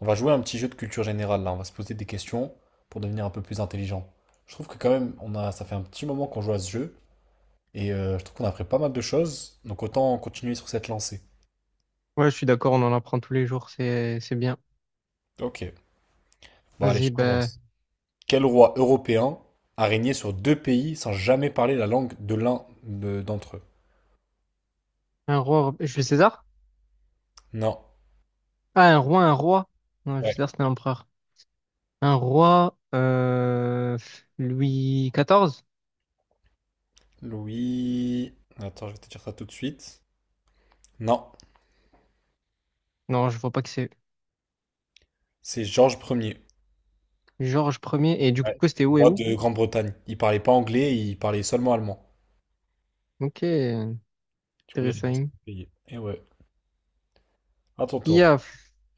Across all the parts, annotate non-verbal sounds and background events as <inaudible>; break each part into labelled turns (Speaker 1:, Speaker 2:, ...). Speaker 1: On va jouer un petit jeu de culture générale là, on va se poser des questions pour devenir un peu plus intelligent. Je trouve que quand même, ça fait un petit moment qu'on joue à ce jeu et je trouve qu'on a appris pas mal de choses, donc autant continuer sur cette lancée.
Speaker 2: Ouais, je suis d'accord, on en apprend tous les jours, c'est bien.
Speaker 1: Ok, bon allez,
Speaker 2: Vas-y,
Speaker 1: je
Speaker 2: ben,
Speaker 1: commence. Quel roi européen a régné sur deux pays sans jamais parler la langue de l'un d'entre eux?
Speaker 2: un roi, Jules César?
Speaker 1: Non.
Speaker 2: Ah, un roi, un roi. Non, Jules
Speaker 1: Ouais.
Speaker 2: César, c'était un empereur. Un roi, Louis XIV?
Speaker 1: Louis. Attends, je vais te dire ça tout de suite. Non,
Speaker 2: Non, je vois pas que c'est
Speaker 1: c'est Georges Ier.
Speaker 2: Georges Ier. Et du coup,
Speaker 1: Ouais.
Speaker 2: c'était où et
Speaker 1: Roi
Speaker 2: où?
Speaker 1: de Grande-Bretagne. Il parlait pas anglais, il parlait seulement allemand.
Speaker 2: Ok,
Speaker 1: Du coup, il a été
Speaker 2: intéressant.
Speaker 1: payé. Et ouais. À ton
Speaker 2: Qui
Speaker 1: tour.
Speaker 2: a,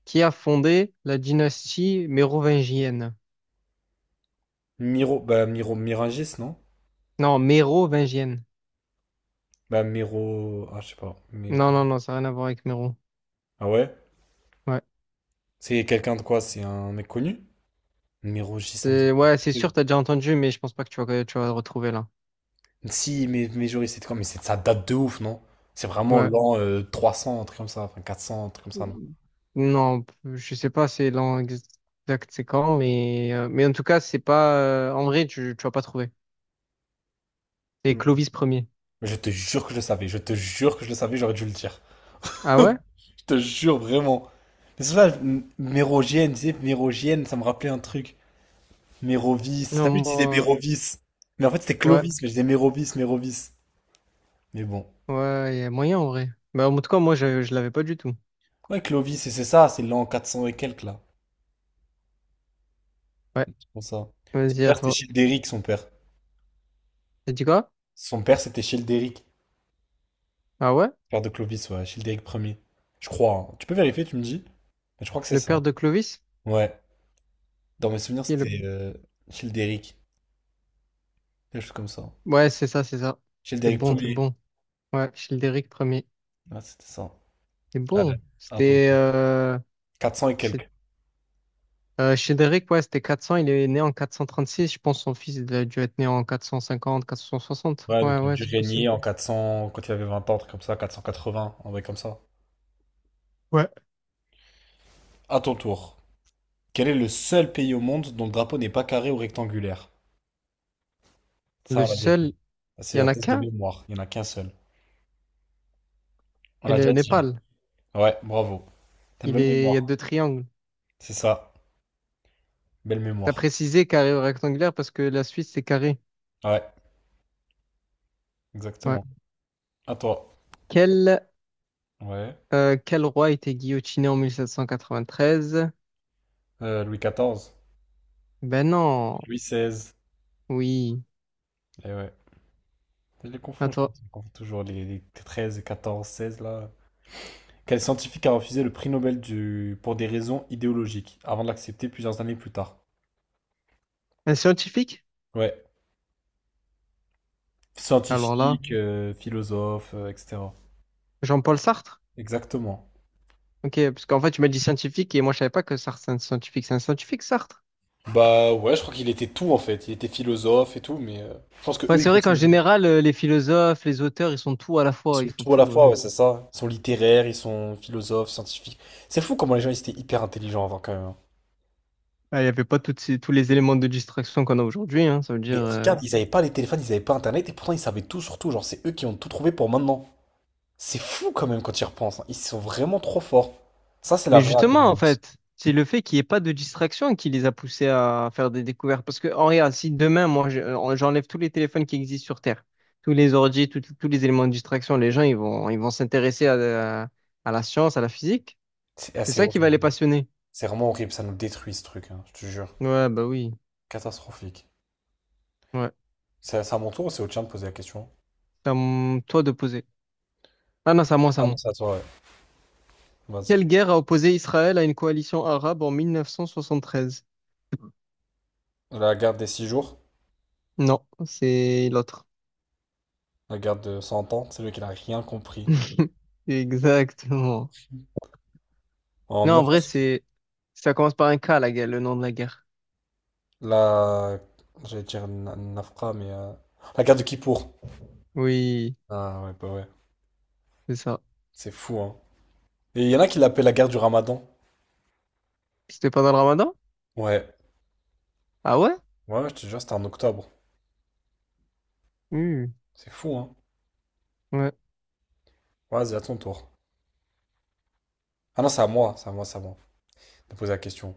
Speaker 2: qui a fondé la dynastie mérovingienne?
Speaker 1: Miro, bah Miro Miragis, non?
Speaker 2: Non, mérovingienne.
Speaker 1: Bah Miro, ah je sais pas, Miro.
Speaker 2: Non, non, non, ça n'a rien à voir avec Méro.
Speaker 1: Ah ouais?
Speaker 2: Ouais,
Speaker 1: C'est quelqu'un de quoi? C'est un mec connu? Mirogis, ça me dit.
Speaker 2: ouais, c'est
Speaker 1: Un
Speaker 2: sûr, t'as déjà entendu, mais je pense pas que tu vas le retrouver là.
Speaker 1: Si, mais Joris, c'était quand? Mais ça date de ouf, non? C'est vraiment
Speaker 2: Ouais.
Speaker 1: l'an 300, un truc comme ça, enfin 400, un truc comme ça, non?
Speaker 2: Non, je sais pas, c'est l'an exact, c'est quand, mais en tout cas, c'est pas. En vrai, tu vas pas trouver. C'est
Speaker 1: Mm.
Speaker 2: Clovis premier.
Speaker 1: Je te jure que je le savais, je te jure que je le savais, j'aurais dû le dire. <laughs>
Speaker 2: Ah ouais?
Speaker 1: Je te jure, vraiment. Mais c'est ça, Mérogienne, tu sais, Mérogienne, ça me rappelait un truc. Mérovis,
Speaker 2: Non,
Speaker 1: t'as vu, je disais
Speaker 2: moi.
Speaker 1: Mérovis. Mais en fait, c'était
Speaker 2: Ouais,
Speaker 1: Clovis, mais je disais Mérovis, Mérovis. Mais bon.
Speaker 2: ouais, il y a moyen en vrai. Bah, en tout cas, moi, je l'avais pas du tout.
Speaker 1: Ouais, Clovis, et c'est ça, c'est l'an 400 et quelques, là.
Speaker 2: Ouais,
Speaker 1: C'est pour ça. Son
Speaker 2: vas-y, à
Speaker 1: père, c'était
Speaker 2: toi.
Speaker 1: Childéric, son père.
Speaker 2: T'as dit quoi?
Speaker 1: Son père, c'était Childéric.
Speaker 2: Ah ouais?
Speaker 1: Père de Clovis, ouais, Childéric Ier, je crois, hein. Tu peux vérifier, tu me dis? Mais je crois que c'est
Speaker 2: Le
Speaker 1: ça.
Speaker 2: père de Clovis?
Speaker 1: Ouais. Dans mes souvenirs,
Speaker 2: Qui est le...
Speaker 1: c'était Childéric. Quelque chose comme ça.
Speaker 2: Ouais, c'est ça, c'est ça. T'es
Speaker 1: Childéric
Speaker 2: bon, t'es
Speaker 1: Ier.
Speaker 2: bon. Ouais, Childéric premier.
Speaker 1: Ouais, c'était ça.
Speaker 2: T'es
Speaker 1: Allez.
Speaker 2: bon.
Speaker 1: Ah,
Speaker 2: C'était.
Speaker 1: 400 et quelques.
Speaker 2: Chédéric, ouais, c'était 400, il est né en 436, je pense son fils il a dû être né en 450, 460.
Speaker 1: Ouais, donc
Speaker 2: Ouais,
Speaker 1: il a
Speaker 2: ouais,
Speaker 1: dû
Speaker 2: c'est
Speaker 1: régner
Speaker 2: possible.
Speaker 1: en 400, quand il avait 20 ans, un truc comme ça, 480, un truc comme ça.
Speaker 2: Ouais.
Speaker 1: À ton tour. Quel est le seul pays au monde dont le drapeau n'est pas carré ou rectangulaire? Ça, on
Speaker 2: Le
Speaker 1: l'a déjà
Speaker 2: seul, il y
Speaker 1: C'est un
Speaker 2: en a
Speaker 1: test de
Speaker 2: qu'un,
Speaker 1: mémoire. Il n'y en a qu'un seul. On
Speaker 2: c'est
Speaker 1: l'a
Speaker 2: le
Speaker 1: déjà dit.
Speaker 2: Népal.
Speaker 1: Ouais, bravo. T'as une
Speaker 2: Il
Speaker 1: bonne
Speaker 2: est, il y a
Speaker 1: mémoire.
Speaker 2: deux triangles.
Speaker 1: C'est ça. Belle
Speaker 2: T'as
Speaker 1: mémoire.
Speaker 2: précisé carré ou rectangulaire parce que la Suisse, c'est carré.
Speaker 1: Ouais,
Speaker 2: Ouais.
Speaker 1: exactement. À toi.
Speaker 2: Quel,
Speaker 1: Ouais.
Speaker 2: quel roi était guillotiné en 1793?
Speaker 1: Louis XIV.
Speaker 2: Ben non,
Speaker 1: Louis XVI.
Speaker 2: oui.
Speaker 1: Eh ouais. Je les
Speaker 2: Attends,
Speaker 1: confonds toujours. Les 13 et 14, 16 là. Quel scientifique a refusé le prix Nobel pour des raisons idéologiques avant de l'accepter plusieurs années plus tard?
Speaker 2: un scientifique?
Speaker 1: Ouais.
Speaker 2: Alors là,
Speaker 1: Scientifique, philosophe, etc.
Speaker 2: Jean-Paul Sartre?
Speaker 1: Exactement.
Speaker 2: Ok, parce qu'en fait, tu m'as dit scientifique et moi, je savais pas que Sartre, c'est un scientifique. C'est un scientifique, Sartre?
Speaker 1: Bah ouais, je crois qu'il était tout en fait. Il était philosophe et tout, mais je pense que
Speaker 2: Ouais,
Speaker 1: eux ils
Speaker 2: c'est vrai qu'en
Speaker 1: continuent.
Speaker 2: général, les philosophes, les auteurs, ils sont tout à la
Speaker 1: Ils
Speaker 2: fois,
Speaker 1: sont
Speaker 2: ils font
Speaker 1: tout à la
Speaker 2: tout.
Speaker 1: fois, ouais, c'est ça. Ils sont littéraires, ils sont philosophes, scientifiques. C'est fou comment les gens ils étaient hyper intelligents avant quand même, hein.
Speaker 2: Ah, il n'y avait pas toutes tous les éléments de distraction qu'on a aujourd'hui, hein, ça veut dire.
Speaker 1: Mais regarde, ils avaient pas les téléphones, ils avaient pas internet et pourtant ils savaient tout sur tout. Genre c'est eux qui ont tout trouvé pour maintenant. C'est fou quand même quand tu y repenses, hein. Ils sont vraiment trop forts. Ça c'est la
Speaker 2: Mais
Speaker 1: vraie
Speaker 2: justement, en
Speaker 1: intelligence.
Speaker 2: fait, c'est le fait qu'il n'y ait pas de distraction qui les a poussés à faire des découvertes. Parce que, en regarde, si demain, moi, j'enlève tous les téléphones qui existent sur Terre, tous les ordi, tous les éléments de distraction, les gens, ils vont s'intéresser à la science, à la physique.
Speaker 1: C'est
Speaker 2: C'est
Speaker 1: assez
Speaker 2: ça qui va
Speaker 1: horrible.
Speaker 2: les passionner.
Speaker 1: C'est vraiment horrible. Ça nous détruit ce truc, hein, je te jure.
Speaker 2: Ouais, bah oui.
Speaker 1: Catastrophique.
Speaker 2: Ouais.
Speaker 1: C'est à mon tour ou c'est au tien de poser la question?
Speaker 2: C'est à toi de poser. Ah non, c'est à moi, c'est
Speaker 1: Ah
Speaker 2: à
Speaker 1: non,
Speaker 2: moi.
Speaker 1: c'est à toi, ouais. Vas-y.
Speaker 2: Quelle guerre a opposé Israël à une coalition arabe en 1973?
Speaker 1: La garde des 6 jours.
Speaker 2: Non, c'est l'autre.
Speaker 1: La guerre de 100 ans, c'est lui qui n'a rien compris.
Speaker 2: <laughs> Exactement.
Speaker 1: En
Speaker 2: Non, en vrai,
Speaker 1: 1960,
Speaker 2: c'est ça commence par un K, la guerre, le nom de la guerre.
Speaker 1: la... J'allais dire Nafra, mais, la guerre de Kippour.
Speaker 2: Oui,
Speaker 1: Ah ouais, bah ouais.
Speaker 2: c'est ça.
Speaker 1: C'est fou, hein. Et il y en a qui l'appellent la guerre du Ramadan.
Speaker 2: C'était pendant le Ramadan?
Speaker 1: Ouais.
Speaker 2: Ah ouais?
Speaker 1: Ouais, je te jure, c'était en octobre.
Speaker 2: Hmm,
Speaker 1: C'est fou, hein.
Speaker 2: ouais.
Speaker 1: Vas-y, à ton tour. Ah non, c'est à moi, c'est à moi, c'est à moi. De poser la question.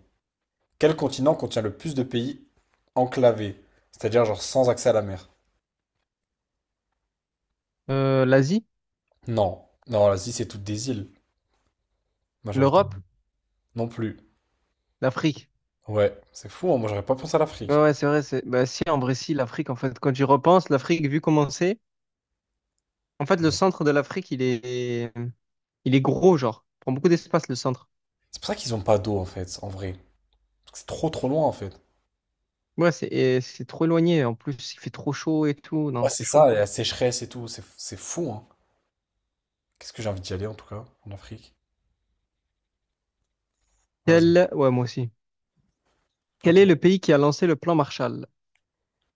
Speaker 1: Quel continent contient le plus de pays enclavés? C'est-à-dire, genre, sans accès à la mer.
Speaker 2: L'Asie,
Speaker 1: Non. Non, l'Asie, c'est toutes des îles. Majorité.
Speaker 2: l'Europe,
Speaker 1: Non plus.
Speaker 2: l'Afrique.
Speaker 1: Ouais, c'est fou, hein. Moi, j'aurais pas pensé à
Speaker 2: Ouais,
Speaker 1: l'Afrique.
Speaker 2: ouais, c'est vrai. Bah, si, en vrai, si, l'Afrique, en fait, quand j'y repense, l'Afrique, vu comment c'est, en fait, le centre de l'Afrique, il est gros, genre. Il prend beaucoup d'espace, le centre.
Speaker 1: C'est pour ça qu'ils ont pas d'eau en fait, en vrai. Parce que c'est trop trop loin en fait.
Speaker 2: Ouais, c'est trop éloigné. En plus, il fait trop chaud et tout. Non,
Speaker 1: Ouais,
Speaker 2: c'est
Speaker 1: c'est
Speaker 2: chaud.
Speaker 1: ça, et la sécheresse et tout, c'est fou, hein. Qu'est-ce que j'ai envie d'y aller en tout cas, en Afrique. Vas-y.
Speaker 2: Ouais, moi aussi. Quel est le
Speaker 1: Attends.
Speaker 2: pays qui a lancé le plan Marshall?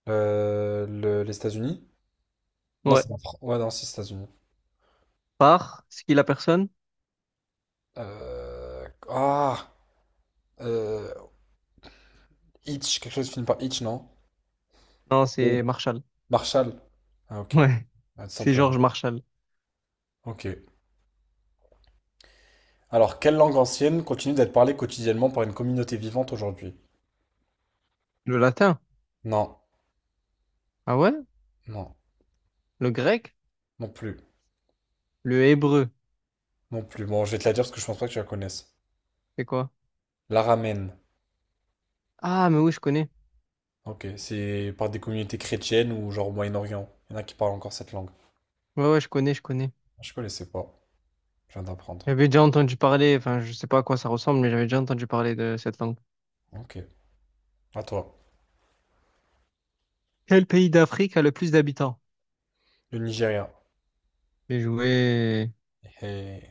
Speaker 1: Les États-Unis? Non,
Speaker 2: Ouais.
Speaker 1: c'est en France. Ouais, non, c'est les États-Unis.
Speaker 2: Par? C'est qui la personne?
Speaker 1: Ah! Euh... Hitch, quelque chose qui finit par Hitch, non?
Speaker 2: Non,
Speaker 1: Oui.
Speaker 2: c'est Marshall.
Speaker 1: Marshall. Ah,
Speaker 2: <laughs>
Speaker 1: ok.
Speaker 2: Ouais,
Speaker 1: Ah, tout
Speaker 2: c'est
Speaker 1: simplement.
Speaker 2: Georges Marshall.
Speaker 1: Ok. Alors, quelle langue ancienne continue d'être parlée quotidiennement par une communauté vivante aujourd'hui?
Speaker 2: Le latin?
Speaker 1: Non,
Speaker 2: Ah ouais?
Speaker 1: non,
Speaker 2: Le grec?
Speaker 1: non plus,
Speaker 2: Le hébreu?
Speaker 1: non plus. Bon, je vais te la dire parce que je pense pas que tu la connaisses.
Speaker 2: C'est quoi?
Speaker 1: L'araméen.
Speaker 2: Ah, mais oui, je connais.
Speaker 1: Ok, c'est par des communautés chrétiennes ou genre au Moyen-Orient. Il y en a qui parlent encore cette langue.
Speaker 2: Ouais, ouais, je connais, je connais.
Speaker 1: Je connaissais pas. Je viens d'apprendre.
Speaker 2: J'avais déjà entendu parler, enfin, je sais pas à quoi ça ressemble, mais j'avais déjà entendu parler de cette langue.
Speaker 1: Ok, à toi.
Speaker 2: Quel pays d'Afrique a le plus d'habitants?
Speaker 1: Le Nigeria.
Speaker 2: J'ai joué.
Speaker 1: Hey.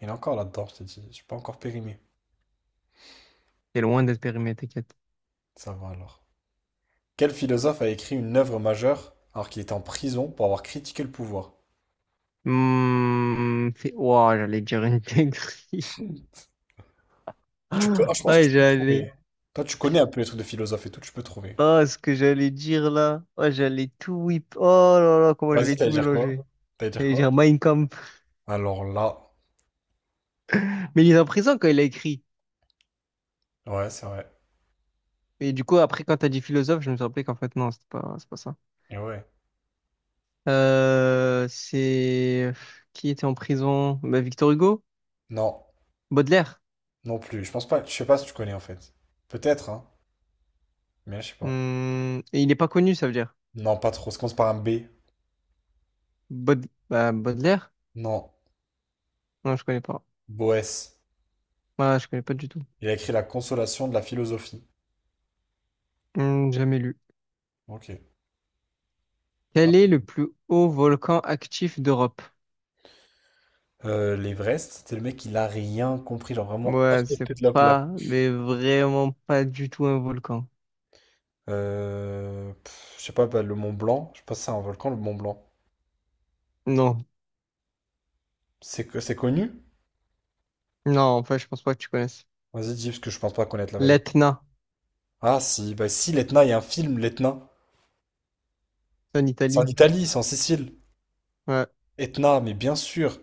Speaker 1: Il est encore là-dedans, je t'ai dit. Je suis pas encore périmé.
Speaker 2: T'es loin d'être périmé, t'inquiète.
Speaker 1: Ça va alors. Quel philosophe a écrit une œuvre majeure alors qu'il était en prison pour avoir critiqué le pouvoir?
Speaker 2: Ouah, j'allais dire une dinguerie.
Speaker 1: Tu peux, ah,
Speaker 2: <laughs>
Speaker 1: je pense que
Speaker 2: Ouais,
Speaker 1: tu peux
Speaker 2: j'allais.
Speaker 1: trouver. Toi, tu connais un peu les trucs de philosophe et tout, tu peux trouver.
Speaker 2: Oh, ce que j'allais dire là. Oh, j'allais tout whip. Oh là là, comment
Speaker 1: Vas-y,
Speaker 2: j'allais
Speaker 1: t'allais
Speaker 2: tout
Speaker 1: dire quoi?
Speaker 2: mélanger.
Speaker 1: T'allais dire
Speaker 2: J'allais
Speaker 1: quoi?
Speaker 2: dire Mein Kampf.
Speaker 1: Alors là,
Speaker 2: Mais il est en prison quand il a écrit.
Speaker 1: ouais, c'est vrai.
Speaker 2: Et du coup, après, quand t'as dit philosophe, je me suis rappelé qu'en fait, non, c'est pas ça.
Speaker 1: Et ouais.
Speaker 2: C'est. Qui était en prison? Bah, Victor Hugo?
Speaker 1: Non,
Speaker 2: Baudelaire.
Speaker 1: non plus. Je pense pas. Je sais pas si tu connais en fait. Peut-être, hein. Mais je sais pas.
Speaker 2: Et il n'est pas connu, ça veut dire.
Speaker 1: Non, pas trop. Ça commence par un B.
Speaker 2: Baud... Bah, Baudelaire?
Speaker 1: Non.
Speaker 2: Non, je connais pas.
Speaker 1: Boès.
Speaker 2: Voilà, je connais pas du tout.
Speaker 1: Il a écrit La consolation de la philosophie.
Speaker 2: Jamais lu.
Speaker 1: Ok.
Speaker 2: Quel
Speaker 1: Ah.
Speaker 2: est le plus haut volcan actif d'Europe?
Speaker 1: L'Everest, c'était le mec, il a rien compris, genre vraiment à
Speaker 2: Ouais, c'est
Speaker 1: côté de la plaque.
Speaker 2: pas, mais vraiment pas du tout un volcan.
Speaker 1: Pff, je sais pas, bah, le Mont Blanc, je sais pas si c'est un volcan, le Mont Blanc.
Speaker 2: Non,
Speaker 1: C'est que c'est connu?
Speaker 2: non, en fait, je pense pas que tu connaisses.
Speaker 1: Vas-y, dis, parce que je pense pas connaître la vérité.
Speaker 2: L'Etna,
Speaker 1: Ah si, bah si, l'Etna, il y a un film, l'Etna.
Speaker 2: c'est en
Speaker 1: C'est en
Speaker 2: Italie.
Speaker 1: Italie, c'est en Sicile.
Speaker 2: Ouais,
Speaker 1: Etna, mais bien sûr,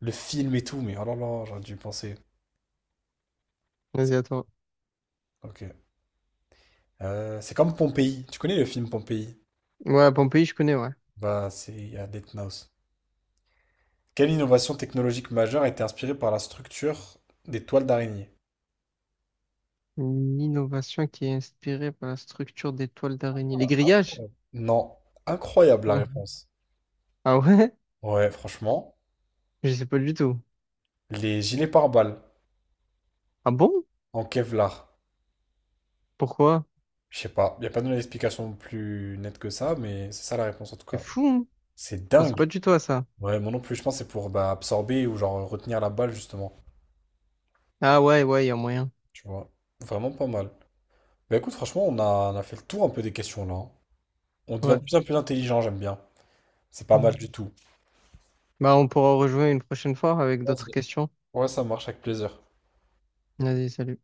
Speaker 1: le film et tout, mais oh là là, j'aurais dû y penser.
Speaker 2: vas-y, attends.
Speaker 1: Ok. C'est comme Pompéi. Tu connais le film Pompéi?
Speaker 2: Ouais, Pompéi, je connais, ouais.
Speaker 1: Bah, c'est il y a Death Note. Quelle innovation technologique majeure a été inspirée par la structure des toiles d'araignée?
Speaker 2: Une innovation qui est inspirée par la structure des toiles d'araignée. Les grillages?
Speaker 1: Non. Incroyable la
Speaker 2: <laughs> Hum.
Speaker 1: réponse.
Speaker 2: Ah ouais?
Speaker 1: Ouais, franchement.
Speaker 2: Je sais pas du tout.
Speaker 1: Les gilets pare-balles
Speaker 2: Ah bon?
Speaker 1: en Kevlar.
Speaker 2: Pourquoi?
Speaker 1: Je sais pas. Il n'y a pas donné explication plus nette que ça, mais c'est ça la réponse en tout
Speaker 2: C'est
Speaker 1: cas.
Speaker 2: fou, hein.
Speaker 1: C'est
Speaker 2: Je pensais pas
Speaker 1: dingue.
Speaker 2: du tout à ça.
Speaker 1: Ouais, moi non plus, je pense que c'est pour bah, absorber ou genre retenir la balle justement.
Speaker 2: Ah ouais, ouais, il y a moyen.
Speaker 1: Tu vois. Vraiment pas mal. Bah écoute, franchement, on a fait le tour un peu des questions là, hein. On devient
Speaker 2: Ouais.
Speaker 1: de plus en plus intelligent, j'aime bien. C'est pas
Speaker 2: Ouais.
Speaker 1: mal du tout.
Speaker 2: Bah, on pourra rejoindre une prochaine fois avec d'autres
Speaker 1: Vas-y.
Speaker 2: questions.
Speaker 1: Ouais, ça marche avec plaisir.
Speaker 2: Vas-y, salut.